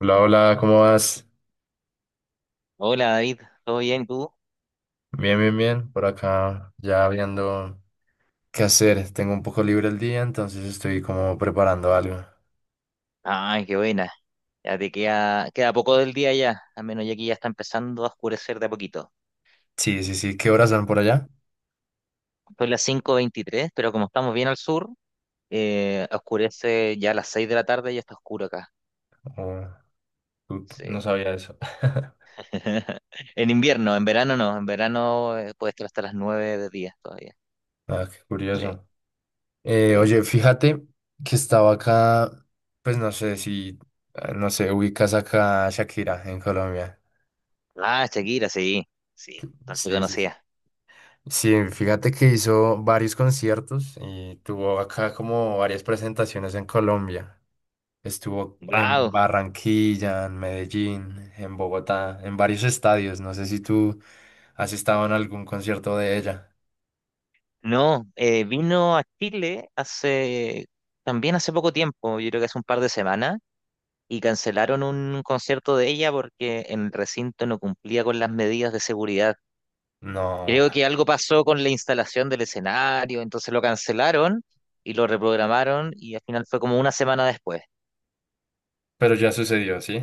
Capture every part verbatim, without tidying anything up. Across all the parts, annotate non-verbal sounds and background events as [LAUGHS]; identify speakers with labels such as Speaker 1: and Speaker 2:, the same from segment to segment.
Speaker 1: Hola, hola, ¿cómo vas?
Speaker 2: Hola David, ¿todo bien tú?
Speaker 1: Bien, bien, bien. Por acá ya viendo qué hacer. Tengo un poco libre el día, entonces estoy como preparando algo.
Speaker 2: Ay, qué buena. Ya te queda, queda poco del día ya, al menos ya aquí ya está empezando a oscurecer de a poquito.
Speaker 1: Sí, sí, sí. ¿Qué horas son por allá?
Speaker 2: Son las cinco veintitrés, pero como estamos bien al sur, eh, oscurece ya a las seis de la tarde y ya está oscuro acá.
Speaker 1: Oh, tú-
Speaker 2: Sí.
Speaker 1: no sabía eso. [LAUGHS]
Speaker 2: [LAUGHS] En invierno, en verano no, en verano eh, puede estar hasta las nueve de día todavía.
Speaker 1: Ah, qué
Speaker 2: Sí,
Speaker 1: curioso. Eh,
Speaker 2: sí.
Speaker 1: oye, fíjate que estaba acá, pues no sé si, eh, no sé, ubicas acá a Shakira en Colombia.
Speaker 2: Ah, Shakira, sí, sí, tanto
Speaker 1: Sí, sí, sí.
Speaker 2: conocía.
Speaker 1: Sí, fíjate que hizo varios conciertos y tuvo acá como varias presentaciones en Colombia. Estuvo en
Speaker 2: Wow,
Speaker 1: Barranquilla, en Medellín, en Bogotá, en varios estadios. No sé si tú has estado en algún concierto de ella.
Speaker 2: no, eh, vino a Chile hace, también hace poco tiempo, yo creo que hace un par de semanas. Y cancelaron un concierto de ella porque el recinto no cumplía con las medidas de seguridad.
Speaker 1: No,
Speaker 2: Creo que algo pasó con la instalación del escenario, entonces lo cancelaron y lo reprogramaron y al final fue como una semana después.
Speaker 1: pero ya sucedió, ¿sí?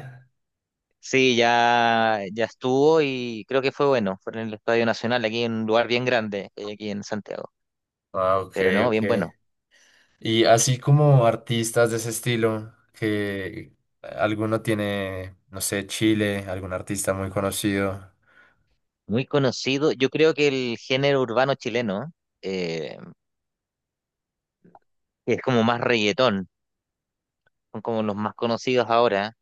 Speaker 2: Sí, ya, ya estuvo y creo que fue bueno. Fue en el Estadio Nacional, aquí en un lugar bien grande, que hay aquí en Santiago.
Speaker 1: Ah, ok,
Speaker 2: Pero no, bien
Speaker 1: ok.
Speaker 2: bueno.
Speaker 1: Y así como artistas de ese estilo, que alguno tiene, no sé, Chile, algún artista muy conocido.
Speaker 2: Muy conocido. Yo creo que el género urbano chileno, eh, es como más reggaetón, son como los más conocidos ahora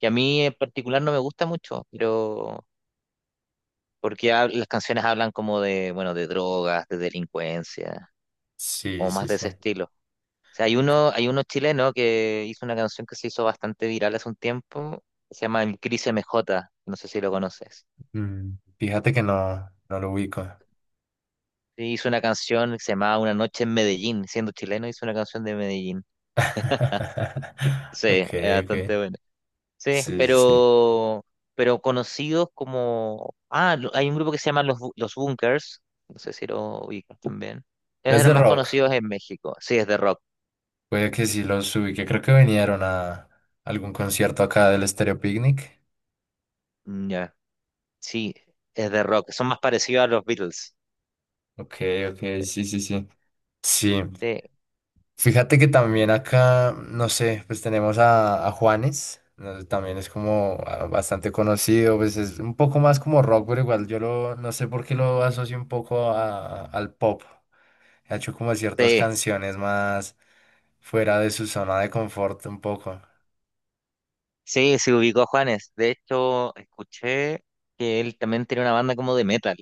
Speaker 2: que a mí en particular no me gusta mucho, pero porque hab- las canciones hablan como de, bueno, de drogas, de delincuencia,
Speaker 1: Sí,
Speaker 2: o más
Speaker 1: sí,
Speaker 2: de
Speaker 1: sí.
Speaker 2: ese estilo. O sea, hay
Speaker 1: Ok.
Speaker 2: uno, hay uno chileno que hizo una canción que se hizo bastante viral hace un tiempo, que se llama El Cris M J, no sé si lo conoces.
Speaker 1: Mm, fíjate que no, no lo ubico.
Speaker 2: Sí, hizo una canción que se llamaba Una noche en Medellín, siendo chileno hizo una canción de Medellín.
Speaker 1: [LAUGHS] Ok,
Speaker 2: Sí, es
Speaker 1: ok.
Speaker 2: bastante buena. Sí,
Speaker 1: Sí, sí, sí.
Speaker 2: pero, pero conocidos como... Ah, lo- hay un grupo que se llama Los, Bu- Los Bunkers, no sé si lo ubicas también. Ellos
Speaker 1: Los
Speaker 2: eran
Speaker 1: de
Speaker 2: más
Speaker 1: rock,
Speaker 2: conocidos en México, sí, es de rock.
Speaker 1: puede que sí los que creo que vinieron a algún concierto acá del Stereo Picnic.
Speaker 2: Mm, ya, sí, es de rock, son más parecidos a los Beatles.
Speaker 1: Ok, ok, sí, sí, sí. Sí,
Speaker 2: Sí,
Speaker 1: fíjate que también acá, no sé, pues tenemos a, a Juanes, ¿no? También es como ah, bastante conocido, pues es un poco más como rock, pero igual yo lo, no sé por qué lo asocio un poco a- al pop. Ha hecho como ciertas
Speaker 2: sí,
Speaker 1: canciones más fuera de su zona de confort un poco,
Speaker 2: sí, se ubicó Juanes. De hecho, escuché que él también tiene una banda como de metal.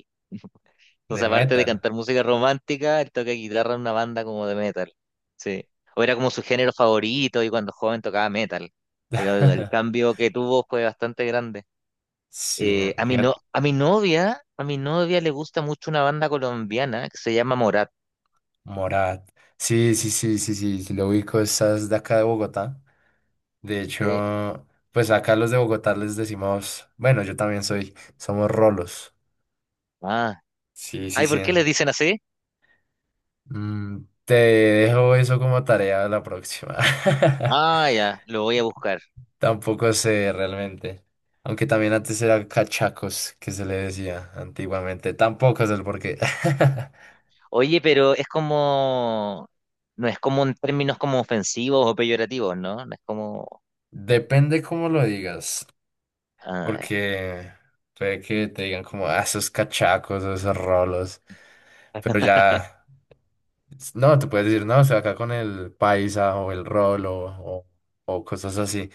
Speaker 1: de
Speaker 2: Entonces, aparte de
Speaker 1: metal.
Speaker 2: cantar música romántica, él toca guitarra en una banda como de metal. Sí. O era como su género favorito y cuando joven tocaba metal. Pero el
Speaker 1: [LAUGHS]
Speaker 2: cambio que tuvo fue bastante grande.
Speaker 1: Sí,
Speaker 2: Eh, a mi
Speaker 1: fíjate.
Speaker 2: no, a mi novia, a mi novia le gusta mucho una banda colombiana que se llama Morat.
Speaker 1: Morat. Sí, sí, sí, sí, sí, sí, lo ubico, estás de acá de Bogotá. De
Speaker 2: Sí.
Speaker 1: hecho, pues acá los de Bogotá les decimos, bueno, yo también soy, somos rolos.
Speaker 2: Ah.
Speaker 1: Sí, sí,
Speaker 2: Ay,
Speaker 1: sí.
Speaker 2: ¿por qué les
Speaker 1: en-
Speaker 2: dicen así?
Speaker 1: Mm, te dejo eso como tarea la próxima.
Speaker 2: Ah, ya,
Speaker 1: [LAUGHS]
Speaker 2: lo voy a buscar.
Speaker 1: Tampoco sé realmente. Aunque también antes era cachacos, que se le decía antiguamente. Tampoco sé el porqué. [LAUGHS]
Speaker 2: Oye, pero es como, no es como en términos como ofensivos o peyorativos, ¿no? No es como,
Speaker 1: Depende cómo lo digas.
Speaker 2: ah,
Speaker 1: Porque puede que te digan como, ah, esos cachacos, esos rolos, pero ya, no, te puedes decir, no, estoy acá con el paisa o el rolo o, o cosas así.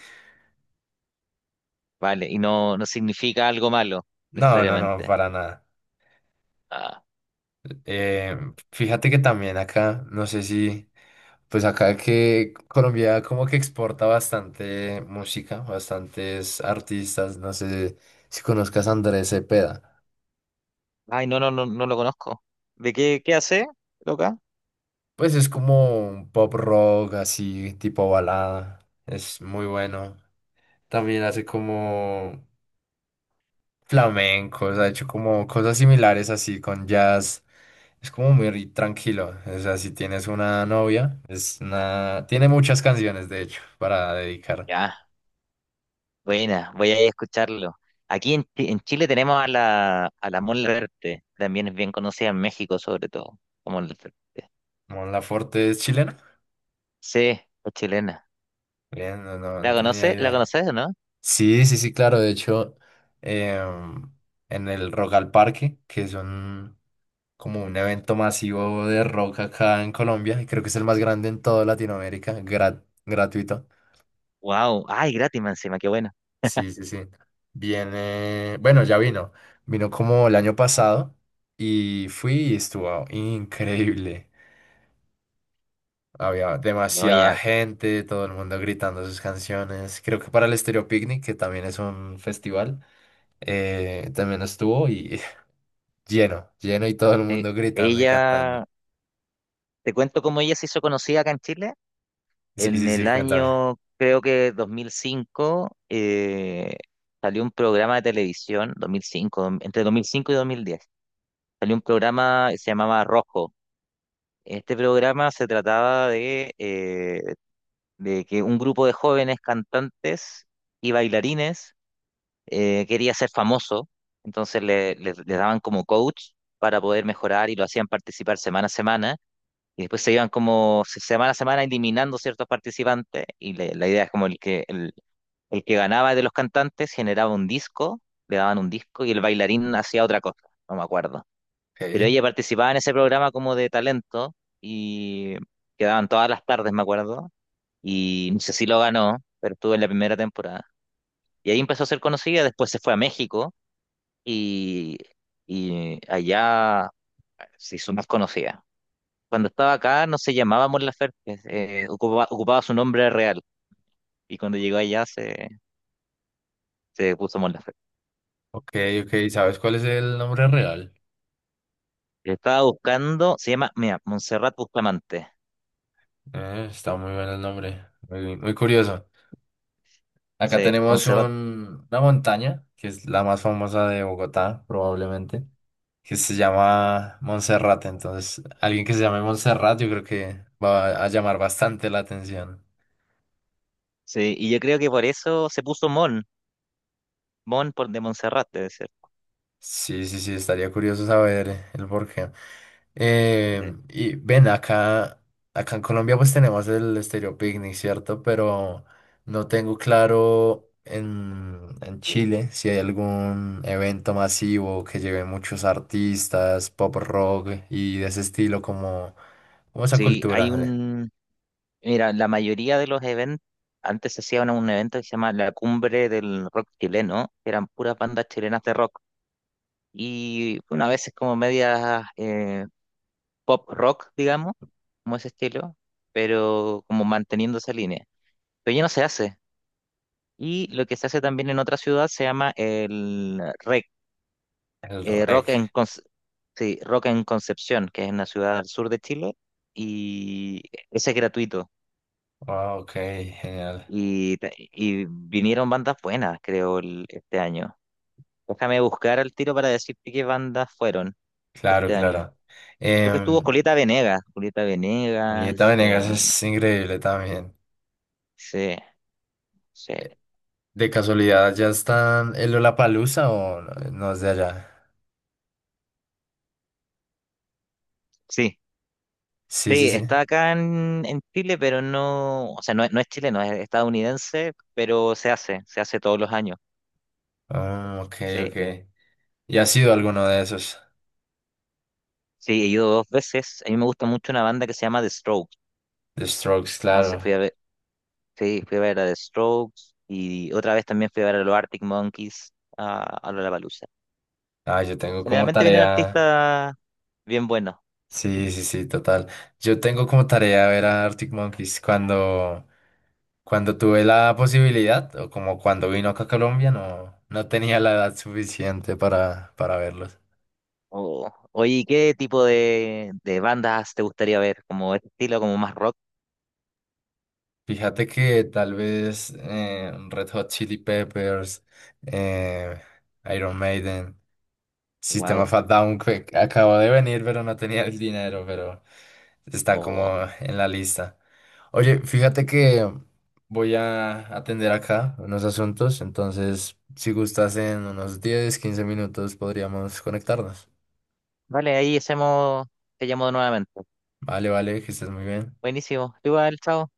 Speaker 2: vale, y no, no significa algo malo,
Speaker 1: No, no, no,
Speaker 2: necesariamente.
Speaker 1: para nada.
Speaker 2: Ah.
Speaker 1: Eh, fíjate que también acá, no sé si, pues acá que Colombia como que exporta bastante música, bastantes artistas, no sé si conozcas a Andrés Cepeda.
Speaker 2: Ay, no, no, no, no lo conozco. ¿De qué, qué hace, loca?
Speaker 1: Pues es como un pop rock así, tipo balada. Es muy bueno. También hace como flamencos, ha hecho como cosas similares así con jazz. Es como muy tranquilo. O sea, si tienes una novia, es una tiene muchas canciones de hecho para dedicar.
Speaker 2: Ya, buena, voy a ir a escucharlo. Aquí en, Chi- en Chile tenemos a la, a la Mon Laferte, también es bien conocida en México, sobre todo. Como Mon Laferte.
Speaker 1: Mon Laferte es chilena.
Speaker 2: Sí, es chilena.
Speaker 1: Bien, no, no,
Speaker 2: ¿La
Speaker 1: no tenía
Speaker 2: conoces? ¿La
Speaker 1: idea.
Speaker 2: conoces o no?
Speaker 1: Sí, sí, sí, claro. De hecho, em, en el Rock al Parque, que es un, como un evento masivo de rock acá en Colombia, y creo que es el más grande en toda Latinoamérica, grat- gratuito.
Speaker 2: Wow, ay, gratis más encima, qué bueno.
Speaker 1: Sí, sí, sí. Viene, bueno, ya vino. Vino como el año pasado y fui y estuvo increíble. Había
Speaker 2: No,
Speaker 1: demasiada
Speaker 2: ya,
Speaker 1: gente, todo el mundo gritando sus canciones. Creo que para el Estéreo Picnic, que también es un festival, eh, también estuvo y [LAUGHS] lleno, lleno y todo el
Speaker 2: sí.
Speaker 1: mundo gritando y cantando.
Speaker 2: Ella, te cuento cómo ella se hizo conocida acá en Chile.
Speaker 1: Sí, sí,
Speaker 2: En el
Speaker 1: sí, cuéntame.
Speaker 2: año, creo que dos mil cinco, eh, salió un programa de televisión, dos mil cinco entre dos mil cinco y dos mil diez salió un programa que se llamaba Rojo. Este programa se trataba de, eh, de que un grupo de jóvenes cantantes y bailarines eh, quería ser famoso, entonces le, le- les daban como coach para poder mejorar y lo hacían participar semana a semana. Y después se iban como se- semana a semana eliminando ciertos participantes. Y le- la idea es como el que, el, el que ganaba de los cantantes generaba un disco, le daban un disco y el bailarín hacía otra cosa, no me acuerdo. Pero
Speaker 1: Ok,
Speaker 2: ella participaba en ese programa como de talento y quedaban todas las tardes, me acuerdo. Y no sé si lo ganó, pero estuvo en la primera temporada. Y ahí empezó a ser conocida, después se fue a México y, y allá se hizo más conocida. Cuando estaba acá no se llamaba Mon Laferte, eh, ocupaba, ocupaba su nombre real y cuando llegó allá se, se puso Mon Laferte.
Speaker 1: ok, ok. ¿Sabes cuál es el nombre real?
Speaker 2: Estaba buscando, se llama, mira, Montserrat Bustamante.
Speaker 1: Eh, está muy bueno el nombre. Muy, muy curioso. Acá
Speaker 2: Sí,
Speaker 1: tenemos
Speaker 2: Montserrat.
Speaker 1: un- una montaña, que es la más famosa de Bogotá, probablemente, que se llama Monserrate. Entonces, alguien que se llame Monserrate, yo creo que va a llamar bastante la atención.
Speaker 2: Sí, y yo creo que por eso se puso Mon, Mon por de Montserrat, debe ser.
Speaker 1: Sí, sí, sí, estaría curioso saber el porqué. Eh,
Speaker 2: Sí,
Speaker 1: y ven, acá, acá en Colombia pues tenemos el Estéreo Picnic, ¿cierto? Pero no tengo claro en, en Chile si hay algún evento masivo que lleve muchos artistas, pop rock y de ese estilo como, como esa
Speaker 2: sí, hay
Speaker 1: cultura de-
Speaker 2: un, mira, la mayoría de los eventos, antes se hacía un, un evento que se llama la Cumbre del Rock Chileno, que eran puras bandas chilenas de rock. Y una vez es como medias pop rock, digamos, como ese estilo, pero como manteniendo esa línea. Pero ya no se hace. Y lo que se hace también en otra ciudad se llama el rec,
Speaker 1: el
Speaker 2: eh,
Speaker 1: reg.
Speaker 2: rock en, Conce- sí, Rock en Concepción, que es una ciudad al sur de Chile, y ese es gratuito.
Speaker 1: Ah, ok, genial.
Speaker 2: Y, ta- y vinieron bandas buenas, creo, el- este año. Déjame buscar al tiro para decirte qué bandas fueron
Speaker 1: Claro,
Speaker 2: este año.
Speaker 1: claro. Eh,
Speaker 2: Creo que estuvo Julieta Venegas, Julieta
Speaker 1: Julieta
Speaker 2: Venegas,
Speaker 1: Venegas
Speaker 2: em,
Speaker 1: es increíble también.
Speaker 2: sí, sí,
Speaker 1: ¿De casualidad ya están el Lollapalooza o no no es de allá?
Speaker 2: sí,
Speaker 1: Sí, sí,
Speaker 2: sí,
Speaker 1: sí.
Speaker 2: está acá en, en Chile, pero no, o sea, no, es- no es chileno, es estadounidense, pero se hace, se hace todos los años.
Speaker 1: Ah, ok, ok.
Speaker 2: Sí,
Speaker 1: ¿Y ha sido alguno de esos?
Speaker 2: sí, he ido dos veces. A mí me gusta mucho una banda que se llama The Strokes.
Speaker 1: The Strokes,
Speaker 2: Entonces fui
Speaker 1: claro.
Speaker 2: a ver, sí, fui a ver a The Strokes y otra vez también fui a ver a los Arctic Monkeys a, a Lollapalooza.
Speaker 1: Ah, yo tengo como
Speaker 2: Generalmente vienen
Speaker 1: tarea.
Speaker 2: artistas bien buenos.
Speaker 1: Sí, sí, sí, total. Yo tengo como tarea ver a Arctic Monkeys cuando, cuando tuve la posibilidad, o como cuando vino acá a Colombia, no, no tenía la edad suficiente para, para verlos.
Speaker 2: O- oye, ¿y ¿qué tipo de, de bandas te gustaría ver? ¿Como este estilo, como más rock?
Speaker 1: Fíjate que tal vez eh, Red Hot Chili Peppers, eh, Iron Maiden, System
Speaker 2: Wow.
Speaker 1: of a Down, que acabo de venir, pero no tenía el dinero, pero está
Speaker 2: O-
Speaker 1: como en la lista. Oye, fíjate que voy a atender acá unos asuntos, entonces si gustas en unos diez quince minutos podríamos conectarnos.
Speaker 2: vale, ahí hacemos, te llamo nuevamente.
Speaker 1: Vale, vale, que estés muy bien.
Speaker 2: Buenísimo. Tú igual, chao.